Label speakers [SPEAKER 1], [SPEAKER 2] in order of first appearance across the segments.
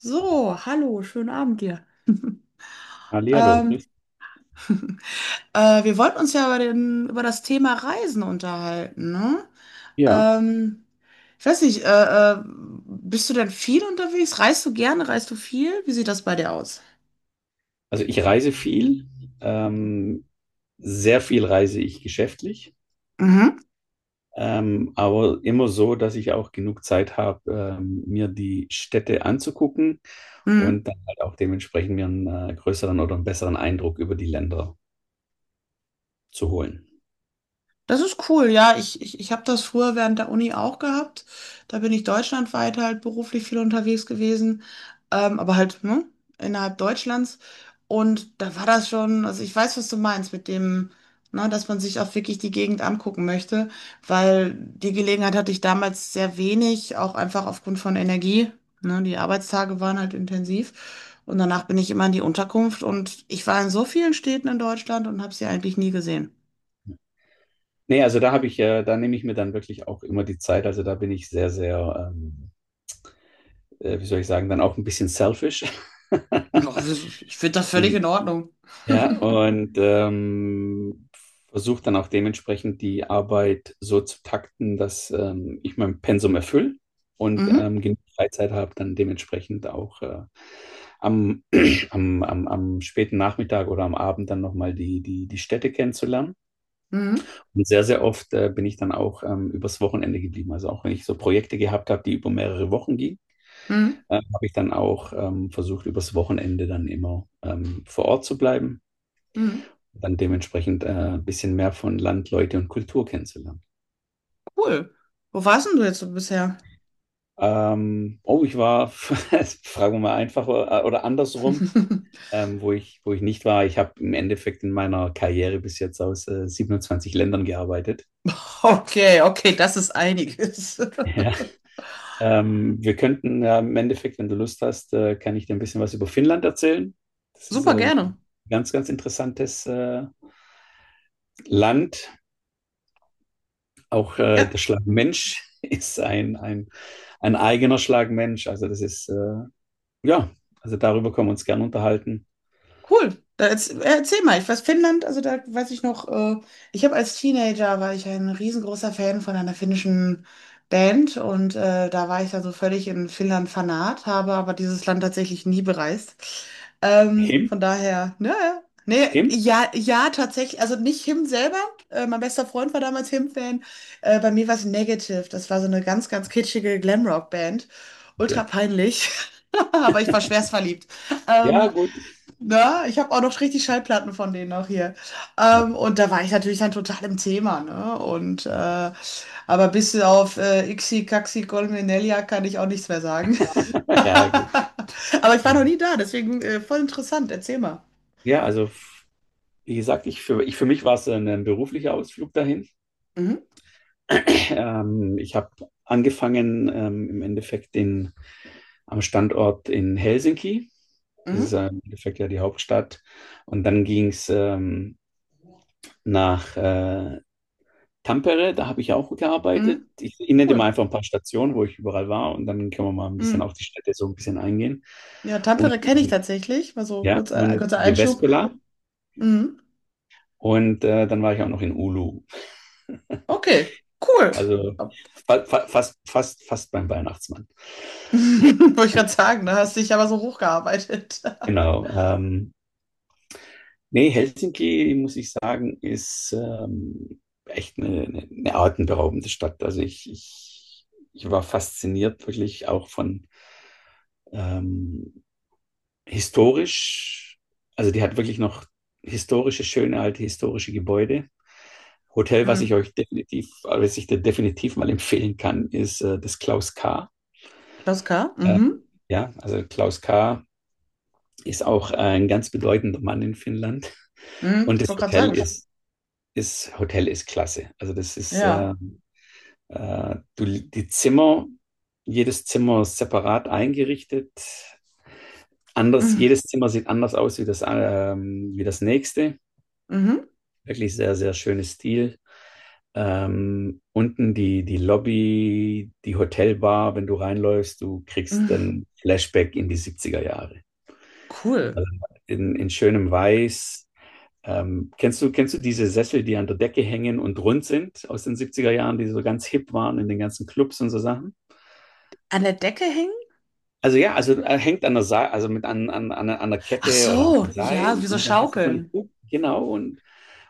[SPEAKER 1] So, hallo, schönen Abend dir.
[SPEAKER 2] Hallihallo,
[SPEAKER 1] Ähm,
[SPEAKER 2] Chris.
[SPEAKER 1] wir wollten uns ja über das Thema Reisen unterhalten, ne?
[SPEAKER 2] Ja,
[SPEAKER 1] Ähm, ich weiß nicht, bist du denn viel unterwegs? Reist du gerne? Reist du viel? Wie sieht das bei dir aus?
[SPEAKER 2] also ich reise viel, ähm, sehr viel reise ich geschäftlich,
[SPEAKER 1] Mhm.
[SPEAKER 2] aber immer so, dass ich auch genug Zeit habe, mir die Städte anzugucken
[SPEAKER 1] Mhm.
[SPEAKER 2] und dann halt auch dementsprechend mir einen größeren oder einen besseren Eindruck über die Länder zu holen.
[SPEAKER 1] Das ist cool, ja. Ich habe das früher während der Uni auch gehabt. Da bin ich deutschlandweit halt beruflich viel unterwegs gewesen, aber halt ne, innerhalb Deutschlands. Und da war das schon, also ich weiß, was du meinst mit dem, ne, dass man sich auch wirklich die Gegend angucken möchte, weil die Gelegenheit hatte ich damals sehr wenig, auch einfach aufgrund von Energie. Ne, die Arbeitstage waren halt intensiv. Und danach bin ich immer in die Unterkunft und ich war in so vielen Städten in Deutschland und habe sie eigentlich nie gesehen.
[SPEAKER 2] Nee, also da nehme ich mir dann wirklich auch immer die Zeit. Also da bin ich sehr, sehr, wie soll ich sagen, dann auch ein bisschen selfish.
[SPEAKER 1] Ich finde das völlig in
[SPEAKER 2] In,
[SPEAKER 1] Ordnung.
[SPEAKER 2] Ja, und versuche dann auch dementsprechend die Arbeit so zu takten, dass ich mein Pensum erfülle und
[SPEAKER 1] Mhm,
[SPEAKER 2] genug Freizeit habe, dann dementsprechend auch am, am späten Nachmittag oder am Abend dann nochmal die Städte kennenzulernen.
[SPEAKER 1] mhm,
[SPEAKER 2] Und sehr, sehr oft bin ich dann auch übers Wochenende geblieben. Also auch wenn ich so Projekte gehabt habe, die über mehrere Wochen gingen,
[SPEAKER 1] mhm,
[SPEAKER 2] habe ich dann auch versucht, übers Wochenende dann immer vor Ort zu bleiben
[SPEAKER 1] mhm.
[SPEAKER 2] dann dementsprechend ein bisschen mehr von Land, Leute und Kultur kennenzulernen.
[SPEAKER 1] Cool. Wo warst denn du jetzt so bisher?
[SPEAKER 2] Oh, fragen wir mal einfach oder andersrum, wo ich nicht war. Ich habe im Endeffekt in meiner Karriere bis jetzt aus 27 Ländern gearbeitet.
[SPEAKER 1] Okay, okay, das ist einiges.
[SPEAKER 2] Ja. Wir könnten ja im Endeffekt, wenn du Lust hast, kann ich dir ein bisschen was über Finnland erzählen. Das ist
[SPEAKER 1] Super
[SPEAKER 2] ein
[SPEAKER 1] gerne.
[SPEAKER 2] ganz, ganz interessantes Land. Auch
[SPEAKER 1] Ja.
[SPEAKER 2] der
[SPEAKER 1] Mhm.
[SPEAKER 2] Schlagmensch ist ein eigener Schlagmensch. Also das ist Ja, also darüber können wir uns gern unterhalten.
[SPEAKER 1] Cool. Erzähl mal, ich weiß Finnland, also da weiß ich noch, ich habe als Teenager war ich ein riesengroßer Fan von einer finnischen Band und da war ich dann so völlig in Finnland Fanat, habe aber dieses Land tatsächlich nie bereist.
[SPEAKER 2] Him?
[SPEAKER 1] Von daher, ne, ne,
[SPEAKER 2] Him?
[SPEAKER 1] ja, tatsächlich, also nicht Him selber, mein bester Freund war damals Him-Fan, bei mir war es Negative, das war so eine ganz kitschige Glamrock-Band, ultra
[SPEAKER 2] Okay.
[SPEAKER 1] peinlich, aber ich war schwerst verliebt.
[SPEAKER 2] Ja,
[SPEAKER 1] Ähm,
[SPEAKER 2] gut.
[SPEAKER 1] na, ich habe auch noch richtig Schallplatten von denen auch hier.
[SPEAKER 2] Ja,
[SPEAKER 1] Und da war ich natürlich dann total im Thema, ne? Und aber bis auf Ixi, Caxi, Colmenelia kann ich auch nichts mehr sagen.
[SPEAKER 2] ja gut.
[SPEAKER 1] Aber ich war noch nie da, deswegen voll interessant. Erzähl mal.
[SPEAKER 2] Ja, also wie gesagt, für mich war es ein beruflicher Ausflug dahin.
[SPEAKER 1] Mhm,
[SPEAKER 2] Ich habe angefangen im Endeffekt am Standort in Helsinki. Das ist
[SPEAKER 1] mhm,
[SPEAKER 2] im Endeffekt ja die Hauptstadt. Und dann ging es nach Tampere, da habe ich ja auch gearbeitet.
[SPEAKER 1] mhm.
[SPEAKER 2] Ich nenne dir
[SPEAKER 1] Cool.
[SPEAKER 2] mal einfach ein paar Stationen, wo ich überall war und dann können wir mal ein bisschen
[SPEAKER 1] Mhm.
[SPEAKER 2] auf die Städte so ein bisschen eingehen.
[SPEAKER 1] Ja,
[SPEAKER 2] Und
[SPEAKER 1] Tampere kenne ich
[SPEAKER 2] in,
[SPEAKER 1] tatsächlich. Mal so
[SPEAKER 2] ja,
[SPEAKER 1] kurz,
[SPEAKER 2] und
[SPEAKER 1] kurzer Einschub.
[SPEAKER 2] Jyväskylä
[SPEAKER 1] Mhm.
[SPEAKER 2] und dann war ich auch noch in Oulu.
[SPEAKER 1] Okay, cool.
[SPEAKER 2] Also fast beim Weihnachtsmann.
[SPEAKER 1] Wollte ich gerade sagen, da hast dich aber so hochgearbeitet.
[SPEAKER 2] Genau. Nee, Helsinki, muss ich sagen, ist echt eine atemberaubende Stadt. Also ich war fasziniert wirklich auch von, ähm, historisch, also die hat wirklich noch historische, schöne alte historische Gebäude. Hotel,
[SPEAKER 1] Mhm.
[SPEAKER 2] was ich dir definitiv mal empfehlen kann, ist das Klaus K.
[SPEAKER 1] Klaus K.
[SPEAKER 2] Äh,
[SPEAKER 1] Mhm.
[SPEAKER 2] ja, also Klaus K. ist auch ein ganz bedeutender Mann in Finnland. Und
[SPEAKER 1] Ich
[SPEAKER 2] das
[SPEAKER 1] wollte gerade
[SPEAKER 2] Hotel
[SPEAKER 1] sagen, ich-
[SPEAKER 2] ist klasse. Also
[SPEAKER 1] ja.
[SPEAKER 2] die Zimmer, jedes Zimmer separat eingerichtet. Anders,
[SPEAKER 1] Mhm.
[SPEAKER 2] jedes Zimmer sieht anders aus wie das nächste.
[SPEAKER 1] Mhm.
[SPEAKER 2] Wirklich sehr, sehr schönes Stil. Unten die Lobby, die Hotelbar, wenn du reinläufst, du kriegst
[SPEAKER 1] Mhm.
[SPEAKER 2] dann Flashback in die 70er Jahre.
[SPEAKER 1] Cool.
[SPEAKER 2] Also in schönem Weiß. Kennst du diese Sessel, die an der Decke hängen und rund sind aus den 70er Jahren, die so ganz hip waren in den ganzen Clubs und so Sachen?
[SPEAKER 1] An der Decke hängen?
[SPEAKER 2] Also ja, also hängt an der Seil, also mit an der
[SPEAKER 1] Ach
[SPEAKER 2] Kette oder am
[SPEAKER 1] so, ja,
[SPEAKER 2] Seil
[SPEAKER 1] wie so
[SPEAKER 2] und dann hast du so eine
[SPEAKER 1] Schaukeln.
[SPEAKER 2] Kugel, genau, und,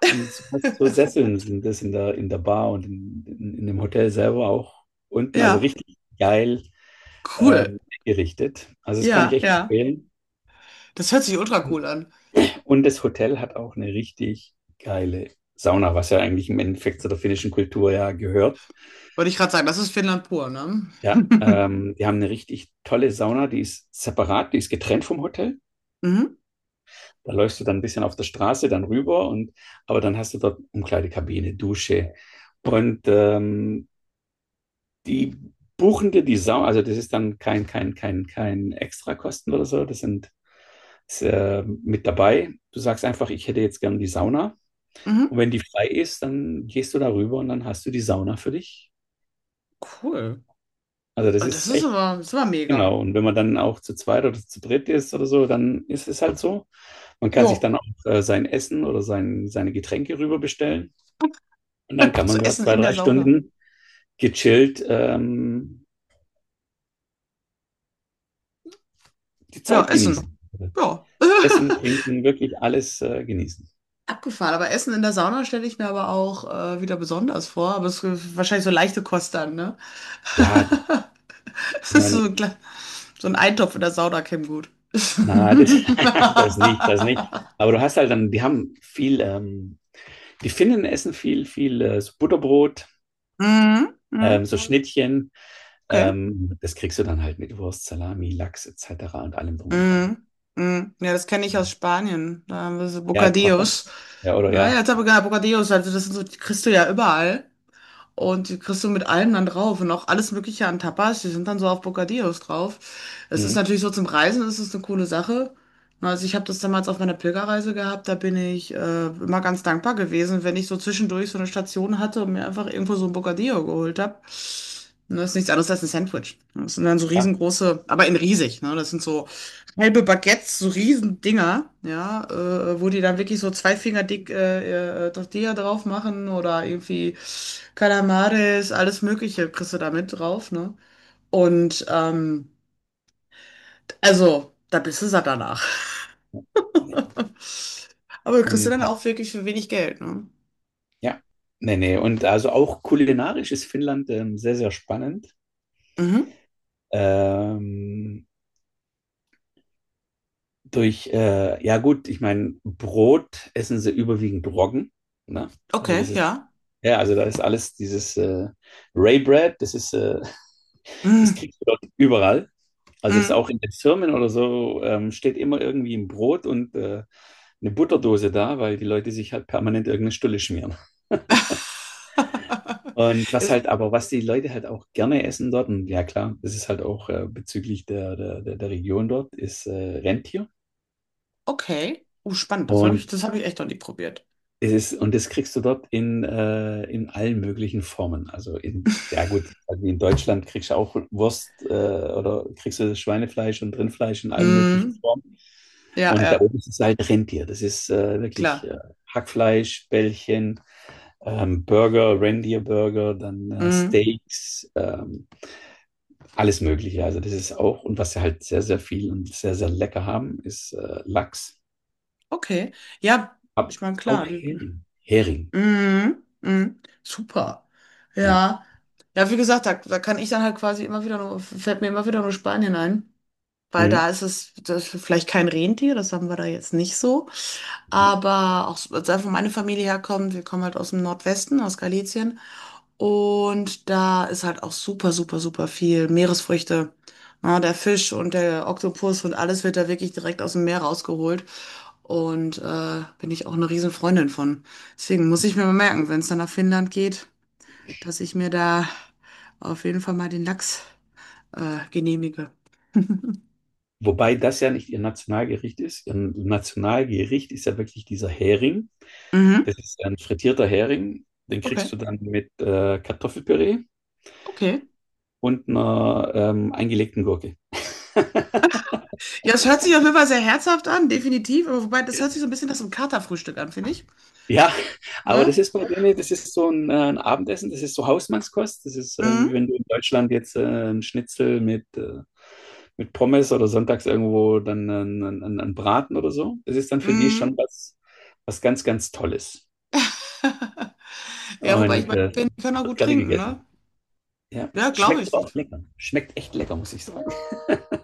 [SPEAKER 2] und so, hast so Sesseln sind das in der Bar und in dem Hotel selber auch unten, also
[SPEAKER 1] Ja,
[SPEAKER 2] richtig geil
[SPEAKER 1] cool.
[SPEAKER 2] ähm, gerichtet. Also das kann ich
[SPEAKER 1] Ja,
[SPEAKER 2] echt
[SPEAKER 1] ja.
[SPEAKER 2] empfehlen.
[SPEAKER 1] Das hört sich ultra cool an.
[SPEAKER 2] Und das Hotel hat auch eine richtig geile Sauna, was ja eigentlich im Endeffekt zu der finnischen Kultur ja gehört.
[SPEAKER 1] Wollte ich gerade sagen, das ist Finnland pur, ne?
[SPEAKER 2] Ja, die haben eine richtig tolle Sauna, die ist separat, die ist getrennt vom Hotel.
[SPEAKER 1] Mhm.
[SPEAKER 2] Da läufst du dann ein bisschen auf der Straße dann rüber und aber dann hast du dort Umkleidekabine, Dusche und die buchen dir die Sauna, also das ist dann kein Extrakosten oder so, das sind ist, mit dabei. Du sagst einfach, ich hätte jetzt gern die Sauna
[SPEAKER 1] Mhm.
[SPEAKER 2] und wenn die frei ist, dann gehst du da rüber und dann hast du die Sauna für dich.
[SPEAKER 1] Cool.
[SPEAKER 2] Also das
[SPEAKER 1] Ah, das
[SPEAKER 2] ist
[SPEAKER 1] ist
[SPEAKER 2] echt
[SPEAKER 1] aber, das war
[SPEAKER 2] genau
[SPEAKER 1] mega.
[SPEAKER 2] und wenn man dann auch zu zweit oder zu dritt ist oder so, dann ist es halt so. Man kann sich
[SPEAKER 1] Jo.
[SPEAKER 2] dann auch sein Essen oder seine Getränke rüber bestellen. Und dann kann
[SPEAKER 1] So
[SPEAKER 2] man da
[SPEAKER 1] Essen
[SPEAKER 2] zwei,
[SPEAKER 1] in der
[SPEAKER 2] drei
[SPEAKER 1] Sauna.
[SPEAKER 2] Stunden gechillt die
[SPEAKER 1] Ja,
[SPEAKER 2] Zeit
[SPEAKER 1] Essen.
[SPEAKER 2] genießen.
[SPEAKER 1] Ja.
[SPEAKER 2] Essen, trinken, wirklich alles genießen.
[SPEAKER 1] Abgefahren, aber Essen in der Sauna stelle ich mir aber auch wieder besonders vor. Aber es ist wahrscheinlich so leichte Kost dann, ne?
[SPEAKER 2] Ja,
[SPEAKER 1] Das
[SPEAKER 2] ich
[SPEAKER 1] ist
[SPEAKER 2] meine,
[SPEAKER 1] so ein, kle- So ein Eintopf in der Sauna käme gut.
[SPEAKER 2] na, das nicht, das nicht. Aber du hast halt dann, die Finnen essen viel, viel so Butterbrot,
[SPEAKER 1] Mhm, mhm,
[SPEAKER 2] so Schnittchen.
[SPEAKER 1] okay.
[SPEAKER 2] Das kriegst du dann halt mit Wurst, Salami, Lachs etc. und allem drum und dran.
[SPEAKER 1] Mhm, mhm. Ja, das kenne ich aus Spanien. Da haben wir so
[SPEAKER 2] Ja,
[SPEAKER 1] Bocadillos.
[SPEAKER 2] Tapas. Ja, oder
[SPEAKER 1] Naja,
[SPEAKER 2] ja.
[SPEAKER 1] jetzt habe ich gerade Bocadillos, also das sind so, die kriegst du ja überall. Und die kriegst du mit allem dann drauf und auch alles Mögliche an Tapas, die sind dann so auf Bocadillos drauf. Es ist
[SPEAKER 2] Hm,
[SPEAKER 1] natürlich so zum Reisen, ist es eine coole Sache. Na, also ich habe das damals auf meiner Pilgerreise gehabt, da bin ich immer ganz dankbar gewesen, wenn ich so zwischendurch so eine Station hatte und mir einfach irgendwo so ein Bocadillo geholt habe. Das ist nichts anderes als ein Sandwich. Das sind dann so
[SPEAKER 2] ja.
[SPEAKER 1] riesengroße, aber in riesig, ne? Das sind so halbe Baguettes, so Riesendinger, ja, wo die dann wirklich so zwei Finger dick Tortilla drauf machen oder irgendwie Calamares, alles Mögliche kriegst du da mit drauf, ne? Und also, da bist du satt danach. Aber du kriegst du
[SPEAKER 2] Und
[SPEAKER 1] dann auch wirklich für wenig Geld, ne?
[SPEAKER 2] Ja, nee, nee. Und also auch kulinarisch ist Finnland sehr, sehr spannend.
[SPEAKER 1] Mhm.
[SPEAKER 2] Ähm, ja gut, ich meine, Brot essen sie überwiegend Roggen. Ne? Also
[SPEAKER 1] Okay, ja.
[SPEAKER 2] ja, also da ist alles dieses Ray Bread, das
[SPEAKER 1] Mhm.
[SPEAKER 2] kriegst du dort überall. Also das ist
[SPEAKER 1] Mhm.
[SPEAKER 2] auch in den Firmen oder so, steht immer irgendwie ein Brot und eine Butterdose da, weil die Leute sich halt permanent irgendeine Stulle schmieren. Und was
[SPEAKER 1] Ist
[SPEAKER 2] halt aber, was die Leute halt auch gerne essen dort, und ja klar, das ist halt auch bezüglich der Region dort, ist Rentier.
[SPEAKER 1] okay. Oh, spannend.
[SPEAKER 2] Und
[SPEAKER 1] Das habe ich echt noch nie probiert.
[SPEAKER 2] und das kriegst du dort in allen möglichen Formen. Also ja gut, also in Deutschland kriegst du auch Wurst oder kriegst du Schweinefleisch und Rindfleisch in allen möglichen
[SPEAKER 1] Mhm.
[SPEAKER 2] Formen.
[SPEAKER 1] Ja,
[SPEAKER 2] Und da
[SPEAKER 1] ja,
[SPEAKER 2] oben ist es halt Rentier. Das ist wirklich
[SPEAKER 1] klar.
[SPEAKER 2] Hackfleisch, Bällchen, Burger, Rentierburger, dann
[SPEAKER 1] Mhm.
[SPEAKER 2] Steaks. Alles Mögliche. Also das ist auch, und was sie halt sehr, sehr viel und sehr, sehr lecker haben, ist Lachs.
[SPEAKER 1] Okay. Ja,
[SPEAKER 2] Aber
[SPEAKER 1] ich meine, klar.
[SPEAKER 2] auch
[SPEAKER 1] Die,
[SPEAKER 2] Hering. Hering,
[SPEAKER 1] mhm, mhm, super.
[SPEAKER 2] ja.
[SPEAKER 1] Ja. Ja, wie gesagt, da, da kann ich dann halt quasi immer wieder nur, fällt mir immer wieder nur Spanien ein. Weil
[SPEAKER 2] Mhm.
[SPEAKER 1] da ist es, das ist vielleicht kein Rentier, das haben wir da jetzt nicht so.
[SPEAKER 2] Ja.
[SPEAKER 1] Aber auch, so- also wo meine Familie herkommt, wir kommen halt aus dem Nordwesten, aus Galicien. Und da ist halt auch super viel Meeresfrüchte. Ja, der Fisch und der Oktopus und alles wird da wirklich direkt aus dem Meer rausgeholt. Und bin ich auch eine riesen Freundin von. Deswegen muss ich mir mal merken, wenn es dann nach Finnland geht, dass ich mir da auf jeden Fall mal den Lachs genehmige.
[SPEAKER 2] Wobei das ja nicht ihr Nationalgericht ist. Ihr Nationalgericht ist ja wirklich dieser Hering. Das
[SPEAKER 1] Mhm.
[SPEAKER 2] ist ein frittierter Hering. Den kriegst
[SPEAKER 1] Okay,
[SPEAKER 2] du dann mit Kartoffelpüree
[SPEAKER 1] okay.
[SPEAKER 2] und einer eingelegten Gurke.
[SPEAKER 1] Ja, es hört sich auf jeden Fall sehr herzhaft an, definitiv. Aber wobei, das
[SPEAKER 2] Ja.
[SPEAKER 1] hört sich so ein bisschen nach so einem Katerfrühstück an, finde ich.
[SPEAKER 2] Ja, aber das
[SPEAKER 1] Ne?
[SPEAKER 2] ist bei denen, das ist so ein Abendessen, das ist so Hausmannskost. Das ist, wie
[SPEAKER 1] Mhm.
[SPEAKER 2] wenn du in Deutschland jetzt ein Schnitzel mit Pommes oder sonntags irgendwo dann einen Braten oder so. Das ist dann für die
[SPEAKER 1] Mhm.
[SPEAKER 2] schon was, was ganz, ganz Tolles.
[SPEAKER 1] Ja, wobei ich
[SPEAKER 2] Und
[SPEAKER 1] meine, die können auch
[SPEAKER 2] wird
[SPEAKER 1] gut
[SPEAKER 2] gerne
[SPEAKER 1] trinken, ne?
[SPEAKER 2] gegessen. Ja.
[SPEAKER 1] Ja, glaube
[SPEAKER 2] Schmeckt
[SPEAKER 1] ich.
[SPEAKER 2] aber auch lecker. Schmeckt echt lecker, muss ich sagen.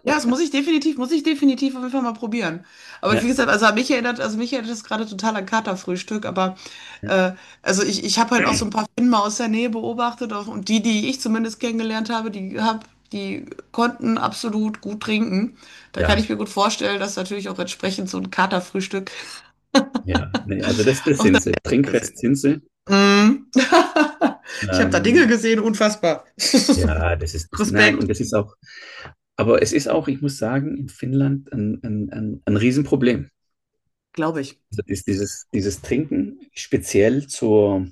[SPEAKER 1] Ja, das muss ich definitiv auf jeden Fall mal probieren. Aber wie
[SPEAKER 2] Ja,
[SPEAKER 1] gesagt, also mich erinnert das gerade total an Katerfrühstück, aber äh, also ich habe halt auch so ein paar Finnen mal aus der Nähe beobachtet auch, und die ich zumindest kennengelernt habe, die konnten absolut gut trinken. Da kann ich
[SPEAKER 2] ja,
[SPEAKER 1] mir gut vorstellen, dass natürlich auch entsprechend so ein Katerfrühstück
[SPEAKER 2] ja. Nee, also das sind sie. Trinkfest
[SPEAKER 1] gesehen.
[SPEAKER 2] sind sie.
[SPEAKER 1] Mm. Ich habe da Dinge
[SPEAKER 2] Ähm,
[SPEAKER 1] gesehen, unfassbar.
[SPEAKER 2] ja, das ist das. Nein, und
[SPEAKER 1] Respekt,
[SPEAKER 2] das ist auch. Aber es ist auch, ich muss sagen, in Finnland ein Riesenproblem.
[SPEAKER 1] glaube ich.
[SPEAKER 2] Das ist dieses Trinken, speziell zur,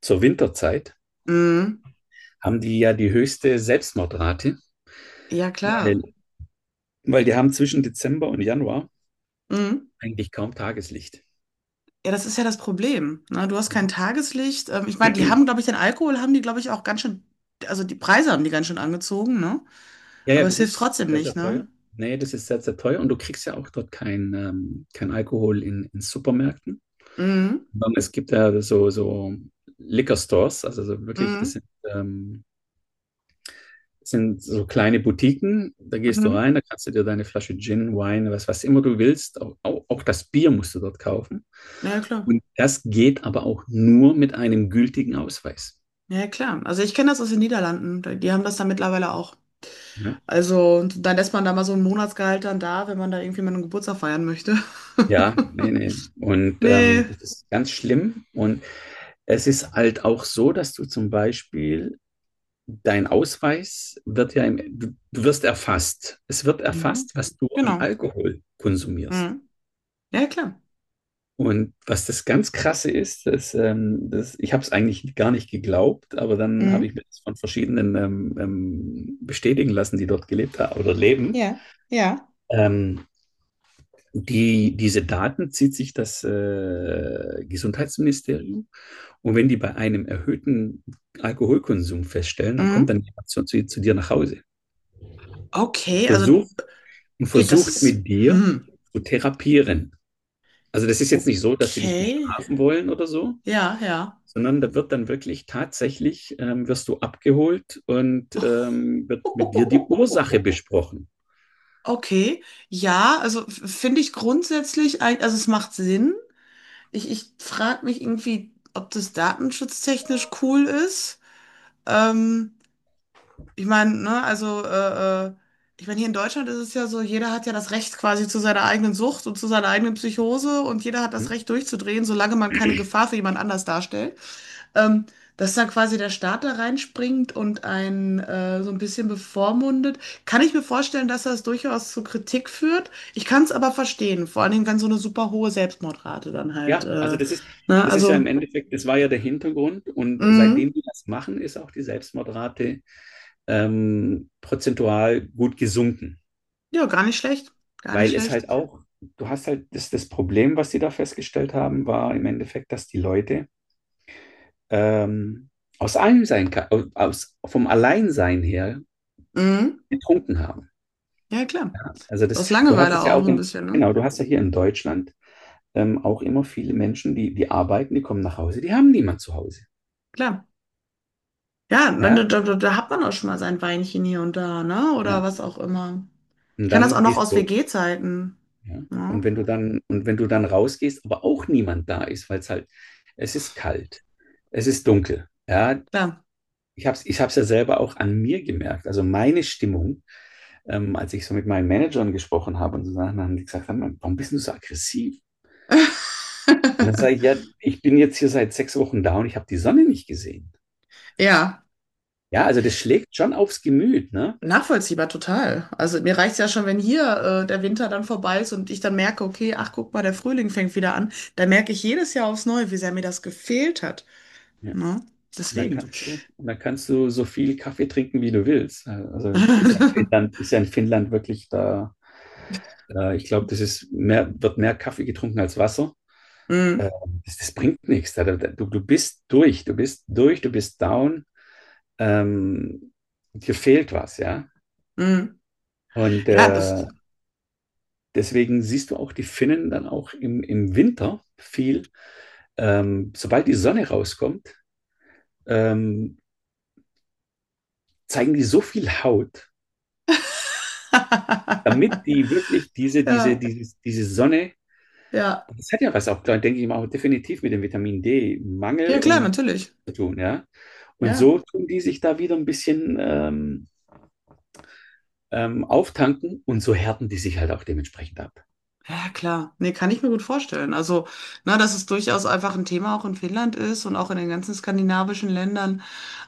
[SPEAKER 2] zur Winterzeit,
[SPEAKER 1] Mm.
[SPEAKER 2] haben die ja die höchste Selbstmordrate,
[SPEAKER 1] Ja, klar.
[SPEAKER 2] weil, weil die haben zwischen Dezember und Januar
[SPEAKER 1] Mm.
[SPEAKER 2] eigentlich kaum Tageslicht.
[SPEAKER 1] Ja, das ist ja das Problem. Ne? Du hast
[SPEAKER 2] Ja,
[SPEAKER 1] kein Tageslicht. Ich meine, die haben, glaube ich, den Alkohol haben die, glaube ich, auch ganz schön, also die Preise haben die ganz schön angezogen, ne?
[SPEAKER 2] ja, ja,
[SPEAKER 1] Aber es
[SPEAKER 2] das
[SPEAKER 1] hilft
[SPEAKER 2] ist
[SPEAKER 1] trotzdem
[SPEAKER 2] sehr,
[SPEAKER 1] nicht,
[SPEAKER 2] sehr
[SPEAKER 1] ne?
[SPEAKER 2] teuer. Nee, das ist sehr, sehr teuer und du kriegst ja auch dort kein Alkohol in Supermärkten.
[SPEAKER 1] Mhm.
[SPEAKER 2] Sondern es gibt ja so Liquor Stores, also so wirklich,
[SPEAKER 1] Mhm.
[SPEAKER 2] das sind so kleine Boutiquen, da gehst du
[SPEAKER 1] Mhm.
[SPEAKER 2] rein, da kannst du dir deine Flasche Gin, Wein, was immer du willst, auch das Bier musst du dort kaufen.
[SPEAKER 1] Ja, klar.
[SPEAKER 2] Und das geht aber auch nur mit einem gültigen Ausweis.
[SPEAKER 1] Ja, klar. Also ich kenne das aus den Niederlanden. Da- die haben das da mittlerweile auch.
[SPEAKER 2] Ne?
[SPEAKER 1] Also, und dann lässt man da mal so ein Monatsgehalt dann da, wenn man da irgendwie mal einen Geburtstag feiern möchte.
[SPEAKER 2] Ja, nee, nee. Und
[SPEAKER 1] Nee.
[SPEAKER 2] das ist ganz schlimm. Und es ist halt auch so, dass du zum Beispiel dein Ausweis wird ja, du wirst erfasst. Es wird
[SPEAKER 1] Mhm.
[SPEAKER 2] erfasst, was du an
[SPEAKER 1] Genau.
[SPEAKER 2] Alkohol konsumierst.
[SPEAKER 1] Mhm. Ja, klar.
[SPEAKER 2] Und was das ganz Krasse ist, dass ich habe es eigentlich gar nicht geglaubt, aber dann habe ich
[SPEAKER 1] Mhm.
[SPEAKER 2] mir das von verschiedenen bestätigen lassen, die dort gelebt haben oder leben.
[SPEAKER 1] Ja, ja.
[SPEAKER 2] Ähm, diese Daten zieht sich das Gesundheitsministerium und wenn die bei einem erhöhten Alkoholkonsum feststellen, dann kommt
[SPEAKER 1] Mhm.
[SPEAKER 2] dann jemand zu dir nach Hause und
[SPEAKER 1] Okay, also.
[SPEAKER 2] versucht,
[SPEAKER 1] Okay, das ist.
[SPEAKER 2] mit dir
[SPEAKER 1] Hm.
[SPEAKER 2] zu therapieren. Also das ist jetzt nicht so, dass die dich
[SPEAKER 1] Okay.
[SPEAKER 2] bestrafen wollen oder so,
[SPEAKER 1] Ja, ja.
[SPEAKER 2] sondern da wird dann wirklich tatsächlich, wirst du abgeholt und wird mit dir die Ursache besprochen.
[SPEAKER 1] Okay. Ja, also f- finde ich grundsätzlich, ein, also es macht Sinn. Ich frage mich irgendwie, ob das datenschutztechnisch cool ist. Ähm, ich meine, ne, also, ich meine, hier in Deutschland ist es ja so, jeder hat ja das Recht quasi zu seiner eigenen Sucht und zu seiner eigenen Psychose und jeder hat
[SPEAKER 2] Hm?
[SPEAKER 1] das Recht durchzudrehen, solange man keine Gefahr für jemand anders darstellt. Ähm, dass dann quasi der Staat da reinspringt und einen so ein bisschen bevormundet, kann ich mir vorstellen, dass das durchaus zu Kritik führt. Ich kann es aber verstehen, vor allen Dingen, wenn so eine super hohe Selbstmordrate dann halt,
[SPEAKER 2] Ja, also das ist,
[SPEAKER 1] ne,
[SPEAKER 2] das ist ja
[SPEAKER 1] also,
[SPEAKER 2] im Endeffekt, das war ja der Hintergrund und
[SPEAKER 1] mm,
[SPEAKER 2] seitdem wir das machen, ist auch die Selbstmordrate prozentual gut gesunken,
[SPEAKER 1] ja, gar nicht schlecht, gar nicht
[SPEAKER 2] weil es
[SPEAKER 1] schlecht.
[SPEAKER 2] halt auch, du hast halt, das Problem, was sie da festgestellt haben, war im Endeffekt, dass die Leute ähm, aus allem sein, aus, vom Alleinsein her
[SPEAKER 1] Mm,
[SPEAKER 2] getrunken haben.
[SPEAKER 1] ja, klar.
[SPEAKER 2] Also das,
[SPEAKER 1] Aus
[SPEAKER 2] du hast
[SPEAKER 1] Langeweile
[SPEAKER 2] es ja
[SPEAKER 1] auch so
[SPEAKER 2] auch
[SPEAKER 1] ein
[SPEAKER 2] in,
[SPEAKER 1] bisschen, ne?
[SPEAKER 2] genau, du hast ja hier in Deutschland auch immer viele Menschen, die arbeiten, die kommen nach Hause, die haben niemand zu Hause.
[SPEAKER 1] Klar. Ja, dann,
[SPEAKER 2] Ja,
[SPEAKER 1] da hat man auch schon mal sein Weinchen hier und da, ne? Oder
[SPEAKER 2] ja.
[SPEAKER 1] was auch immer. Ich
[SPEAKER 2] Und
[SPEAKER 1] kann das auch
[SPEAKER 2] dann
[SPEAKER 1] noch
[SPEAKER 2] gehst
[SPEAKER 1] aus
[SPEAKER 2] du,
[SPEAKER 1] WG-Zeiten.
[SPEAKER 2] ja. Und
[SPEAKER 1] Ja,
[SPEAKER 2] wenn du dann, und wenn du dann rausgehst, aber auch niemand da ist, weil es halt, es ist kalt, es ist dunkel. Ja,
[SPEAKER 1] klar.
[SPEAKER 2] ich habe es ich hab's ja selber auch an mir gemerkt. Also meine Stimmung, als ich so mit meinen Managern gesprochen habe und so Sachen, dann haben die gesagt, warum bist du so aggressiv? Und dann sage ich, ja, ich bin jetzt hier seit 6 Wochen da und ich habe die Sonne nicht gesehen.
[SPEAKER 1] Ja,
[SPEAKER 2] Ja, also das schlägt schon aufs Gemüt, ne?
[SPEAKER 1] nachvollziehbar total. Also mir reicht es ja schon, wenn hier der Winter dann vorbei ist und ich dann merke, okay, ach guck mal, der Frühling fängt wieder an. Da merke ich jedes Jahr aufs Neue, wie sehr mir das gefehlt hat.
[SPEAKER 2] Ja.
[SPEAKER 1] Ne?
[SPEAKER 2] Und dann
[SPEAKER 1] Deswegen.
[SPEAKER 2] kannst du so viel Kaffee trinken, wie du willst. Also es ist ja in
[SPEAKER 1] Mm,
[SPEAKER 2] Finnland, ist ja in Finnland wirklich da. Ich glaube, wird mehr Kaffee getrunken als Wasser. Äh, das bringt nichts. Du bist durch, du bist down. Ähm, dir fehlt was, ja.
[SPEAKER 1] mm.
[SPEAKER 2] Und
[SPEAKER 1] Ja, das.
[SPEAKER 2] deswegen siehst du auch die Finnen dann auch im Winter viel. Sobald die Sonne rauskommt, ähm, zeigen die so viel Haut, damit die wirklich diese, diese,
[SPEAKER 1] Ja,
[SPEAKER 2] diese, diese Sonne,
[SPEAKER 1] ja.
[SPEAKER 2] das hat ja was auch, da denke ich mal, auch definitiv mit dem Vitamin D-Mangel
[SPEAKER 1] Ja, klar,
[SPEAKER 2] und
[SPEAKER 1] natürlich.
[SPEAKER 2] zu tun, ja. Und
[SPEAKER 1] Ja.
[SPEAKER 2] so tun die sich da wieder ein bisschen auftanken und so härten die sich halt auch dementsprechend ab.
[SPEAKER 1] Ja, klar. Nee, kann ich mir gut vorstellen. Also, na, dass es durchaus einfach ein Thema auch in Finnland ist und auch in den ganzen skandinavischen Ländern.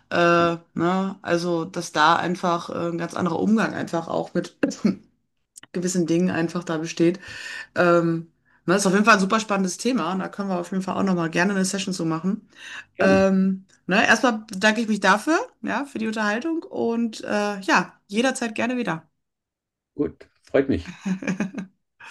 [SPEAKER 1] Ne? Also, dass da einfach ein ganz anderer Umgang einfach auch mit gewissen Dingen einfach da besteht. Ähm, ne, ist auf jeden Fall ein super spannendes Thema. Und da können wir auf jeden Fall auch nochmal gerne eine Session so machen.
[SPEAKER 2] Gerne.
[SPEAKER 1] Ne? Erstmal bedanke ich mich dafür, ja, für die Unterhaltung und ja, jederzeit gerne wieder.
[SPEAKER 2] Gut. Freut mich.